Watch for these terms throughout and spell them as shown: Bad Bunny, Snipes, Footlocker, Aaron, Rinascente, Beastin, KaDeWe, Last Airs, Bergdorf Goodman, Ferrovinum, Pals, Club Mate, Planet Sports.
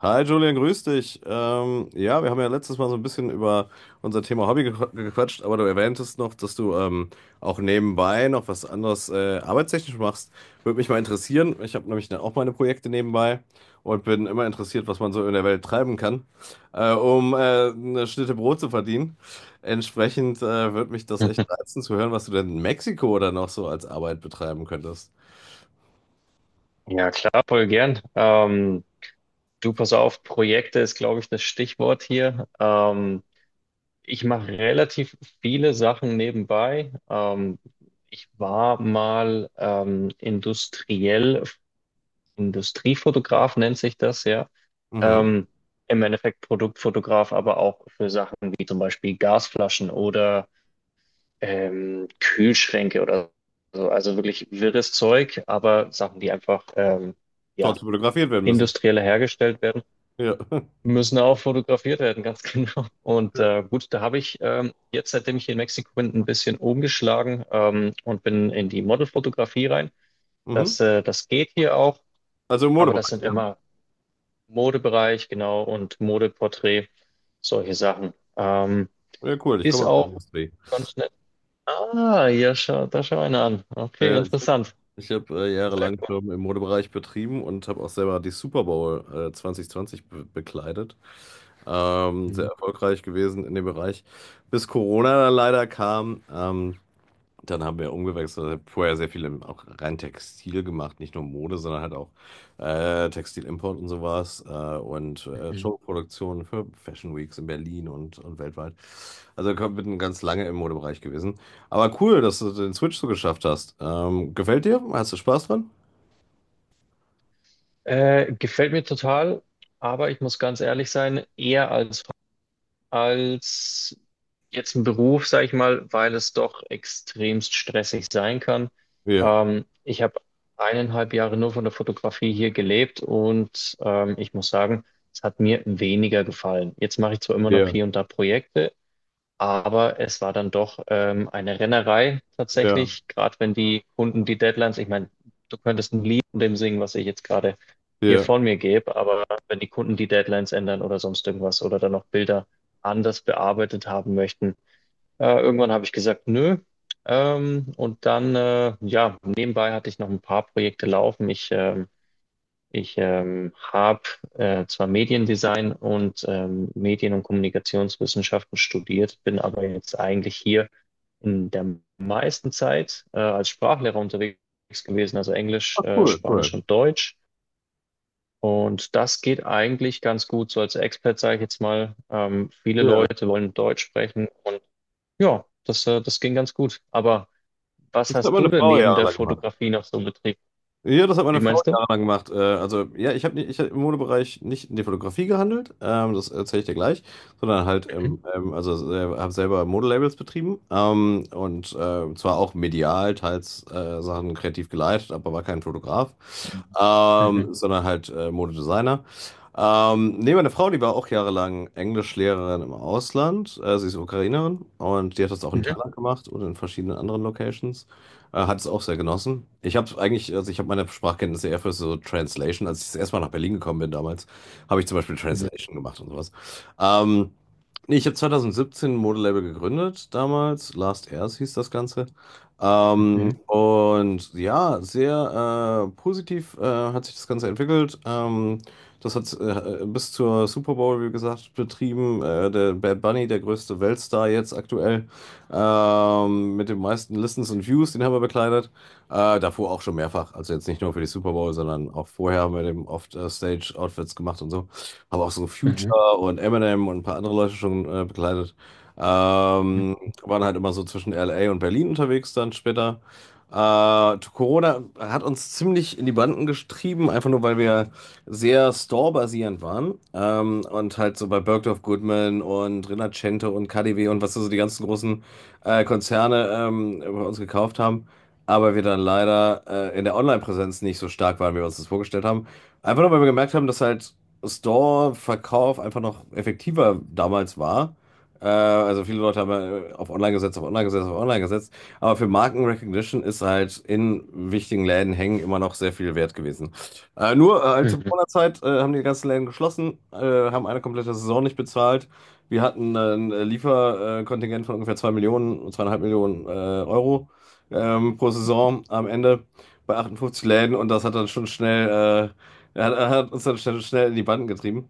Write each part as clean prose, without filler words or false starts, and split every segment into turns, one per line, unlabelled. Hi Julian, grüß dich. Ja, wir haben ja letztes Mal so ein bisschen über unser Thema Hobby gequatscht, aber du erwähntest noch, dass du auch nebenbei noch was anderes arbeitstechnisch machst. Würde mich mal interessieren. Ich habe nämlich dann auch meine Projekte nebenbei und bin immer interessiert, was man so in der Welt treiben kann, um eine Schnitte Brot zu verdienen. Entsprechend würde mich das echt reizen zu hören, was du denn in Mexiko oder noch so als Arbeit betreiben könntest.
Ja, klar, voll gern. Du, pass auf, Projekte ist, glaube ich, das Stichwort hier. Ich mache relativ viele Sachen nebenbei. Ich war mal industriell, Industriefotograf nennt sich das, ja.
Mhm.
Ähm, Im Endeffekt Produktfotograf, aber auch für Sachen wie zum Beispiel Gasflaschen oder Kühlschränke oder so. Also wirklich wirres Zeug, aber Sachen, die einfach ja,
Dort fotografiert werden müssen.
industrieller hergestellt werden,
Ja.
müssen auch fotografiert werden, ganz genau. Und gut, da habe ich jetzt, seitdem ich hier in Mexiko bin, ein bisschen umgeschlagen und bin in die Modelfotografie rein.
Mhm.
Das, das geht hier auch,
Also im
aber das
Modebereich.
sind
Ja.
immer Modebereich, genau, und Modeporträt, solche Sachen.
Ja, cool, ich
Ist
komme aus der
auch
Industrie.
ganz nett. Ah, ja, schau, da schau einer an.
Ja,
Okay,
ja, ich habe
interessant.
ich hab, äh,
Sehr
jahrelang
cool.
Firmen im Modebereich betrieben und habe auch selber die Super Bowl 2020 be bekleidet. Sehr
Mhm.
erfolgreich gewesen in dem Bereich, bis Corona dann leider kam. Dann haben wir umgewechselt, also vorher sehr viel im, auch rein Textil gemacht, nicht nur Mode, sondern halt auch Textilimport und sowas und
Mhm.
Showproduktionen für Fashion Weeks in Berlin und weltweit. Also komm, bin ganz lange im Modebereich gewesen. Aber cool, dass du den Switch so geschafft hast. Gefällt dir? Hast du Spaß dran?
Gefällt mir total, aber ich muss ganz ehrlich sein, eher als als jetzt ein Beruf, sage ich mal, weil es doch extremst stressig sein kann.
Ja,
Ich habe 1,5 Jahre nur von der Fotografie hier gelebt und ich muss sagen, es hat mir weniger gefallen. Jetzt mache ich zwar immer noch
ja,
hier und da Projekte, aber es war dann doch eine Rennerei
ja,
tatsächlich, gerade wenn die Kunden die Deadlines, ich meine, du könntest ein Lied von dem singen, was ich jetzt gerade hier
ja.
von mir gebe, aber wenn die Kunden die Deadlines ändern oder sonst irgendwas oder dann noch Bilder anders bearbeitet haben möchten, irgendwann habe ich gesagt, nö. Ja, nebenbei hatte ich noch ein paar Projekte laufen. Ich habe zwar Mediendesign und Medien- und Kommunikationswissenschaften studiert, bin aber jetzt eigentlich hier in der meisten Zeit als Sprachlehrer unterwegs gewesen, also Englisch,
Ah, cool,
Spanisch
cool.
und Deutsch. Und das geht eigentlich ganz gut, so als Expert sage ich jetzt mal. Viele
Ja.
Leute wollen Deutsch sprechen und ja, das ging ganz gut. Aber was
Das hat
hast du
meine
denn
Frau
neben der
jahrelang gemacht.
Fotografie noch so betrieben?
Ja, das hat
Wie
meine Frau
meinst du?
jahrelang gemacht. Also, ja, ich hab im Modebereich nicht in die Fotografie gehandelt, das erzähle ich dir gleich, sondern halt,
Mhm.
habe selber Modelabels betrieben und zwar auch medial, teils Sachen kreativ geleitet, aber war kein Fotograf,
Mhm. Mhm.
sondern halt Modedesigner. Nee, meine Frau, die war auch jahrelang Englischlehrerin im Ausland. Sie ist Ukrainerin und die hat das auch in
Mhm.
Thailand gemacht und in verschiedenen anderen Locations. Hat es auch sehr genossen. Ich habe meine Sprachkenntnisse eher für so Translation. Als ich das erste Mal nach Berlin gekommen bin damals, habe ich zum Beispiel
Mhm.
Translation gemacht und sowas. Ähm, Ich habe 2017 ein Modelabel gegründet damals. Last Airs hieß das Ganze. Ähm,
Mhm.
und ja, sehr äh, positiv hat sich das Ganze entwickelt. Das hat bis zur Super Bowl, wie gesagt, betrieben. Der Bad Bunny, der größte Weltstar jetzt aktuell, mit den meisten Listens und Views, den haben wir bekleidet. Davor auch schon mehrfach. Also jetzt nicht nur für die Super Bowl, sondern auch vorher haben wir dem oft Stage-Outfits gemacht und so. Haben auch so
Mhm.
Future und Eminem und ein paar andere Leute schon bekleidet.
Mhm.
Ähm, Waren halt immer so zwischen LA und Berlin unterwegs dann später. Corona hat uns ziemlich in die Banden getrieben, einfach nur weil wir sehr store waren. Und halt so bei Bergdorf Goodman und Rinascente und KaDeWe und was so die ganzen großen Konzerne bei uns gekauft haben. Aber wir dann leider in der Online-Präsenz nicht so stark waren, wie wir uns das vorgestellt haben. Einfach nur, weil wir gemerkt haben, dass halt Store-Verkauf einfach noch effektiver damals war. Also viele Leute haben auf Online gesetzt, auf Online gesetzt, auf Online gesetzt. Aber für Markenrecognition ist halt in wichtigen Läden hängen immer noch sehr viel wert gewesen. Nur halt zur Corona-Zeit haben die ganzen Läden geschlossen, haben eine komplette Saison nicht bezahlt. Wir hatten ein Lieferkontingent von ungefähr 2 Millionen, zweieinhalb Millionen Euro pro Saison am Ende bei 58 Läden und das hat dann schon schnell, hat uns dann schnell in die Banden getrieben.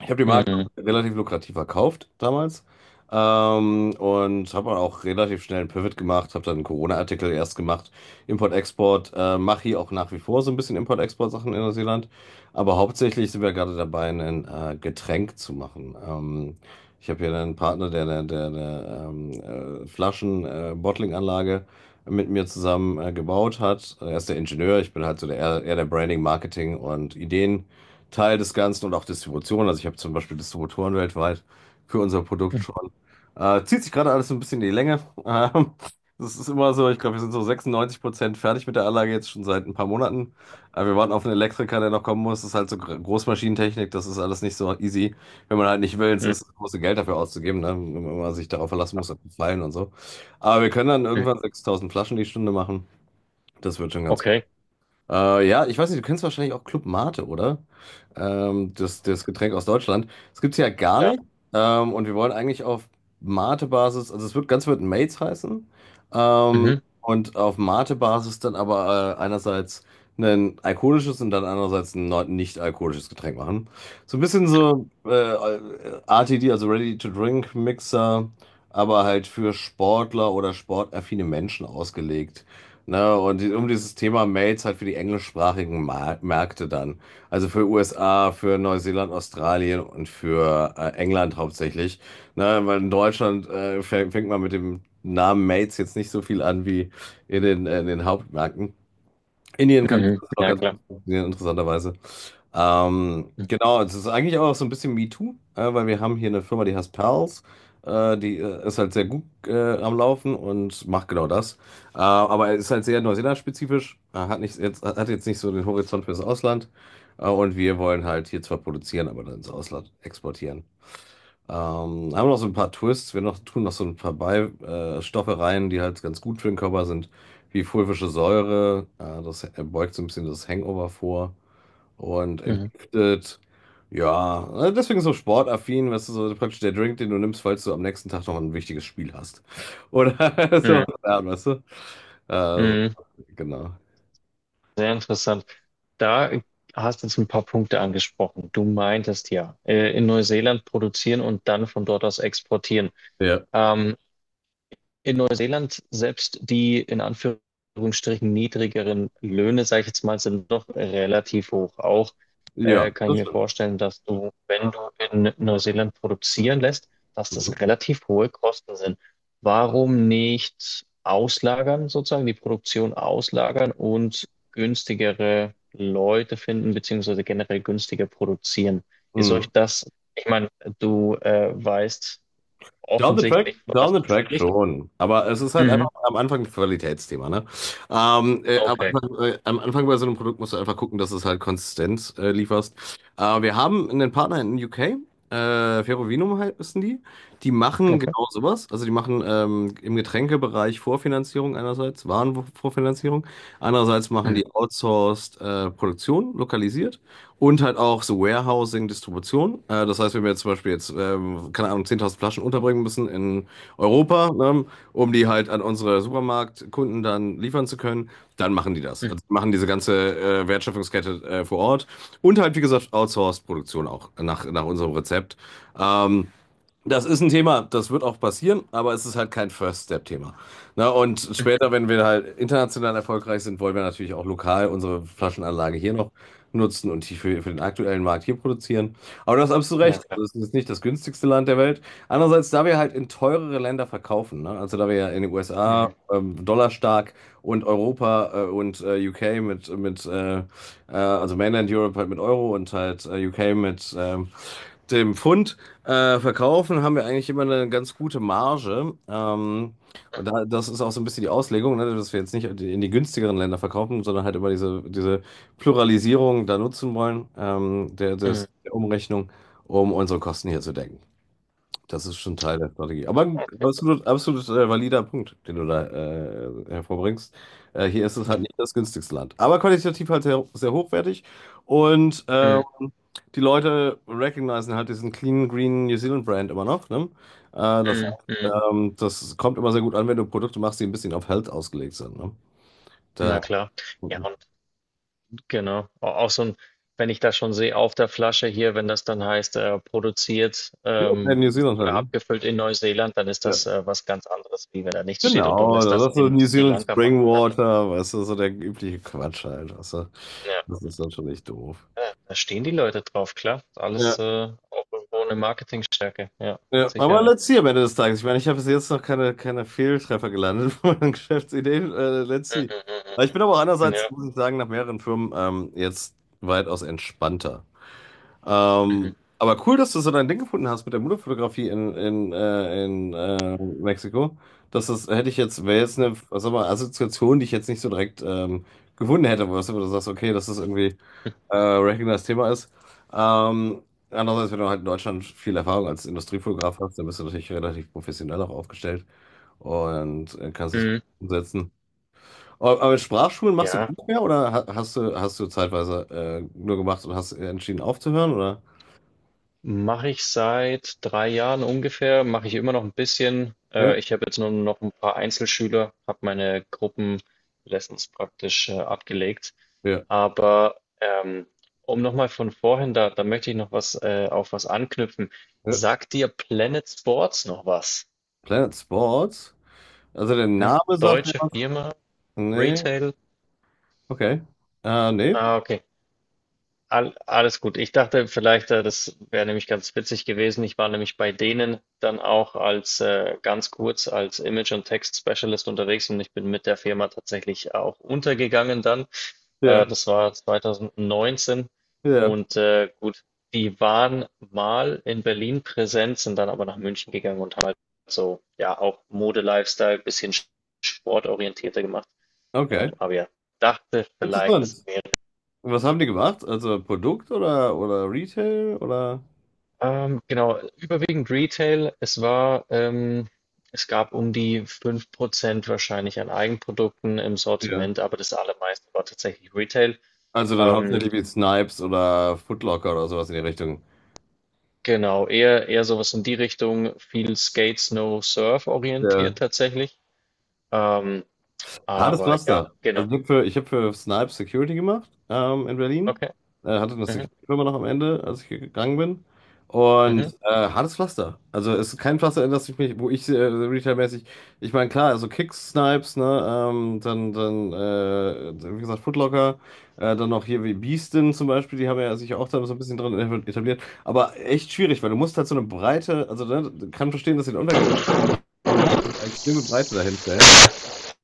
Ich habe die Marke
Mhm.
relativ lukrativ verkauft damals und habe auch relativ schnell einen Pivot gemacht, habe dann einen Corona-Artikel erst gemacht, Import-Export, mache hier auch nach wie vor so ein bisschen Import-Export-Sachen in Neuseeland, aber hauptsächlich sind wir gerade dabei, ein Getränk zu machen. Ich habe hier einen Partner, der eine Flaschen-Bottling-Anlage mit mir zusammen gebaut hat. Er ist der Ingenieur, ich bin halt so der, eher der Branding, Marketing und Ideen. Teil des Ganzen und auch Distribution. Also ich habe zum Beispiel Distributoren weltweit für unser Produkt
Mhm.
schon. Zieht sich gerade alles so ein bisschen in die Länge. Ähm, Das ist immer so, ich glaube, wir sind so 96% fertig mit der Anlage jetzt schon seit ein paar Monaten. Wir warten auf einen Elektriker, der noch kommen muss. Das ist halt so Großmaschinentechnik, das ist alles nicht so easy. Wenn man halt nicht will, es
Mhm.
ist, musst du Geld dafür auszugeben, ne? Wenn man sich darauf verlassen muss, auf die Fallen und so. Aber wir können dann
Mhm.
irgendwann 6000 Flaschen die Stunde machen. Das wird schon ganz
Okay,
ja, ich weiß nicht, du kennst wahrscheinlich auch Club Mate, oder? Das Getränk aus Deutschland. Das gibt's ja gar
klar.
nicht. Und wir wollen eigentlich auf Mate-Basis, also es wird Mates heißen. Ähm,
Mhm.
und auf Mate-Basis dann aber einerseits ein alkoholisches und dann andererseits ein nicht alkoholisches Getränk machen. So ein bisschen so RTD, also Ready-to-Drink-Mixer, aber halt für Sportler oder sportaffine Menschen ausgelegt. Ne? Um dieses Thema Mails halt für die englischsprachigen Mar Märkte dann. Also für USA, für Neuseeland, Australien und für England hauptsächlich. Ne? Weil in Deutschland fängt man mit dem Namen Mails jetzt nicht so viel an wie in den Hauptmärkten. Indien kann das
Mhm.
auch
Ja,
ganz
klar.
gut funktionieren, interessanterweise.
Mhm.
Genau, es ist eigentlich auch so ein bisschen MeToo, weil wir haben hier eine Firma, die heißt Pals. Die ist halt sehr gut am Laufen und macht genau das. Aber ist halt sehr Neuseeland-spezifisch, hat jetzt nicht so den Horizont fürs Ausland. Und wir wollen halt hier zwar produzieren, aber dann ins Ausland exportieren. Ähm, Haben noch so ein paar Twists, tun noch so ein paar Beistoffe Stoffe rein, die halt ganz gut für den Körper sind, wie fulvische Säure, das beugt so ein bisschen das Hangover vor und
Mhm.
entgiftet. Ja, deswegen so sportaffin, weißt du, so praktisch der Drink, den du nimmst, falls du am nächsten Tag noch ein wichtiges Spiel hast. Oder so,
Mhm.
ja, weißt du? Äh, so,
Mhm.
genau.
Sehr interessant. Da hast du jetzt ein paar Punkte angesprochen. Du meintest ja, in Neuseeland produzieren und dann von dort aus exportieren.
Ja.
Ähm, in Neuseeland selbst die in Anführungsstrichen niedrigeren Löhne, sage ich jetzt mal, sind doch relativ hoch. Auch
Ja,
kann ich
das
mir
stimmt.
vorstellen, dass du, wenn du in Neuseeland produzieren lässt, dass
Mhm.
das relativ hohe Kosten sind. Warum nicht auslagern, sozusagen die Produktion auslagern und günstigere Leute finden, beziehungsweise generell günstiger produzieren? Ist
Mhm.
euch das, ich meine, du weißt offensichtlich, von
Down
was
the
du
track
sprichst.
schon. Aber es ist halt einfach am Anfang ein Qualitätsthema, ne?
Okay,
Am Anfang bei so einem Produkt musst du einfach gucken, dass es halt Konsistenz lieferst. Wir haben einen Partner in den UK, Ferrovinum halt, wissen die. Die machen
okay.
genau sowas. Also die machen im Getränkebereich Vorfinanzierung einerseits, Warenvorfinanzierung. Andererseits machen
Mhm.
die outsourced Produktion, lokalisiert. Und halt auch so Warehousing, Distribution. Das heißt, wenn wir jetzt zum Beispiel, keine Ahnung, 10.000 Flaschen unterbringen müssen in Europa, ne, um die halt an unsere Supermarktkunden dann liefern zu können, dann machen die das.
Mhm.
Also machen diese ganze Wertschöpfungskette vor Ort. Und halt, wie gesagt, Outsourced-Produktion auch nach unserem Rezept. Ähm, Das ist ein Thema, das wird auch passieren, aber es ist halt kein First-Step-Thema. Na, und
Mhm.
später, wenn wir halt international erfolgreich sind, wollen wir natürlich auch lokal unsere Flaschenanlage hier noch nutzen und die für den aktuellen Markt hier produzieren. Aber das hast absolut
Na
recht.
klar.
Also es ist nicht das günstigste Land der Welt. Andererseits, da wir halt in teurere Länder verkaufen, ne? Also da wir ja in den USA
Mhm.
dollarstark und Europa und UK mit, also Mainland Europe halt mit Euro und halt UK mit dem Pfund verkaufen haben wir eigentlich immer eine ganz gute Marge. Und da, das ist auch so ein bisschen die Auslegung, ne, dass wir jetzt nicht in die günstigeren Länder verkaufen, sondern halt immer diese Pluralisierung da nutzen wollen,
Mhm.
der Umrechnung, um unsere Kosten hier zu decken. Das ist schon Teil der Strategie. Aber ein absolut valider Punkt, den du da hervorbringst. Hier ist es halt
Mhm.
nicht das günstigste Land. Aber qualitativ halt sehr hochwertig. Und
Mhm.
die Leute recognizen halt diesen Clean Green New Zealand Brand immer noch. Ne? Äh, Das heißt,
Mhm. Mhm.
das kommt immer sehr gut an, wenn du Produkte machst, die ein bisschen auf Health ausgelegt sind. Ne? Da,
Na klar. Ja, und genau. Auch so ein, wenn ich das schon sehe auf der Flasche hier, wenn das dann heißt, produziert
ja, in New Zealand halt,
oder
ne?
abgefüllt in Neuseeland, dann ist
Ja.
das was ganz anderes, wie wenn da nichts steht und du
Genau,
lässt das
das ist so
in
New
Sri
Zealand
Lanka machen.
Spring
Ne?
Water, weißt du, so der übliche Quatsch halt. Also,
Ja,
das ist natürlich doof.
ja, da stehen die Leute drauf, klar. Ist Alles
Ja,
auch irgendwo eine Marketingstärke, ja, mit
ja, aber
Sicherheit.
let's see am Ende des Tages. Ich meine, ich habe bis jetzt noch keine Fehltreffer gelandet von meinen Geschäftsideen. Let's
Mhm.
see.
Mhm.
Aber ich bin aber auch
Mhm.
andererseits,
Ja.
muss ich sagen, nach mehreren Firmen jetzt weitaus entspannter.
Mhm.
Aber cool, dass du so dein Ding gefunden hast mit der Modefotografie in Mexiko. Das ist, hätte ich jetzt, wäre jetzt eine, was sag mal, Assoziation, die ich jetzt nicht so direkt gefunden hätte, wo du sagst, okay, das ist irgendwie.
Mhm.
Racking Thema ist. Ähm, Andererseits, wenn du halt in Deutschland viel Erfahrung als Industriefotograf hast, dann bist du natürlich relativ professionell auch aufgestellt und kannst es gut
Mhm.
umsetzen. Aber mit Sprachschulen machst du gar
Ja.
nicht mehr oder hast du zeitweise nur gemacht und hast entschieden aufzuhören, oder?
Mache ich seit 3 Jahren ungefähr, mache ich immer noch ein bisschen.
Ja,
Ich habe jetzt nur noch ein paar Einzelschüler, habe meine Gruppenlessons praktisch abgelegt.
ja,
Aber um nochmal von vorhin, da möchte ich noch was auf was anknüpfen.
ja.
Sagt dir Planet Sports noch was?
Planet Sports? Also der
Hm?
Name sagt mir
Deutsche
was?
Firma,
Nee,
Retail?
okay. Nee?
Ah, okay. Alles gut. Ich dachte vielleicht, das wäre nämlich ganz witzig gewesen. Ich war nämlich bei denen dann auch als ganz kurz als Image- und Text-Specialist unterwegs und ich bin mit der Firma tatsächlich auch untergegangen dann.
Ja,
Das war 2019
ja,
und gut, die waren mal in Berlin präsent, sind dann aber nach München gegangen und haben halt so, ja, auch Mode-Lifestyle, bisschen sportorientierter gemacht.
okay.
Aber ja, dachte vielleicht, das
Interessant.
wäre
Und was haben die gemacht? Also Produkt oder Retail oder?
Genau, überwiegend Retail. Es war, es gab um die 5% wahrscheinlich an Eigenprodukten im
Ja.
Sortiment, aber das allermeiste war tatsächlich Retail.
Also dann
Ähm,
hauptsächlich wie Snipes oder Footlocker oder sowas in die Richtung.
genau, eher sowas in die Richtung, viel Skate, Snow, Surf
Ja.
orientiert tatsächlich. Ähm,
Hartes
aber ja,
Pflaster.
genau.
Also ich hab für Snipes Security gemacht in Berlin.
Okay.
Hatte eine
Mhm,
Security-Firma noch am Ende, als ich gegangen bin. Und
mhm.
hartes Pflaster. Also es ist kein Pflaster, in das ich mich, wo ich retailmäßig, ich meine, klar, also Kicks, Snipes, ne, dann wie gesagt, Footlocker, dann noch hier wie Beastin zum Beispiel, die haben ja sich auch da so ein bisschen drin etabliert. Aber echt schwierig, weil du musst halt so eine Breite, also ne, kann verstehen, dass sie den untergegangen. Du musst so eine extreme Breite dahinstellen.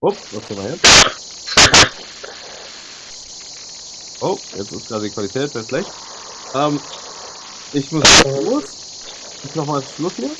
Upp, was war jetzt? Oh, jetzt ist gerade die Qualität sehr schlecht. Ähm, Ich muss eh los. Ich noch mal Schluss hier.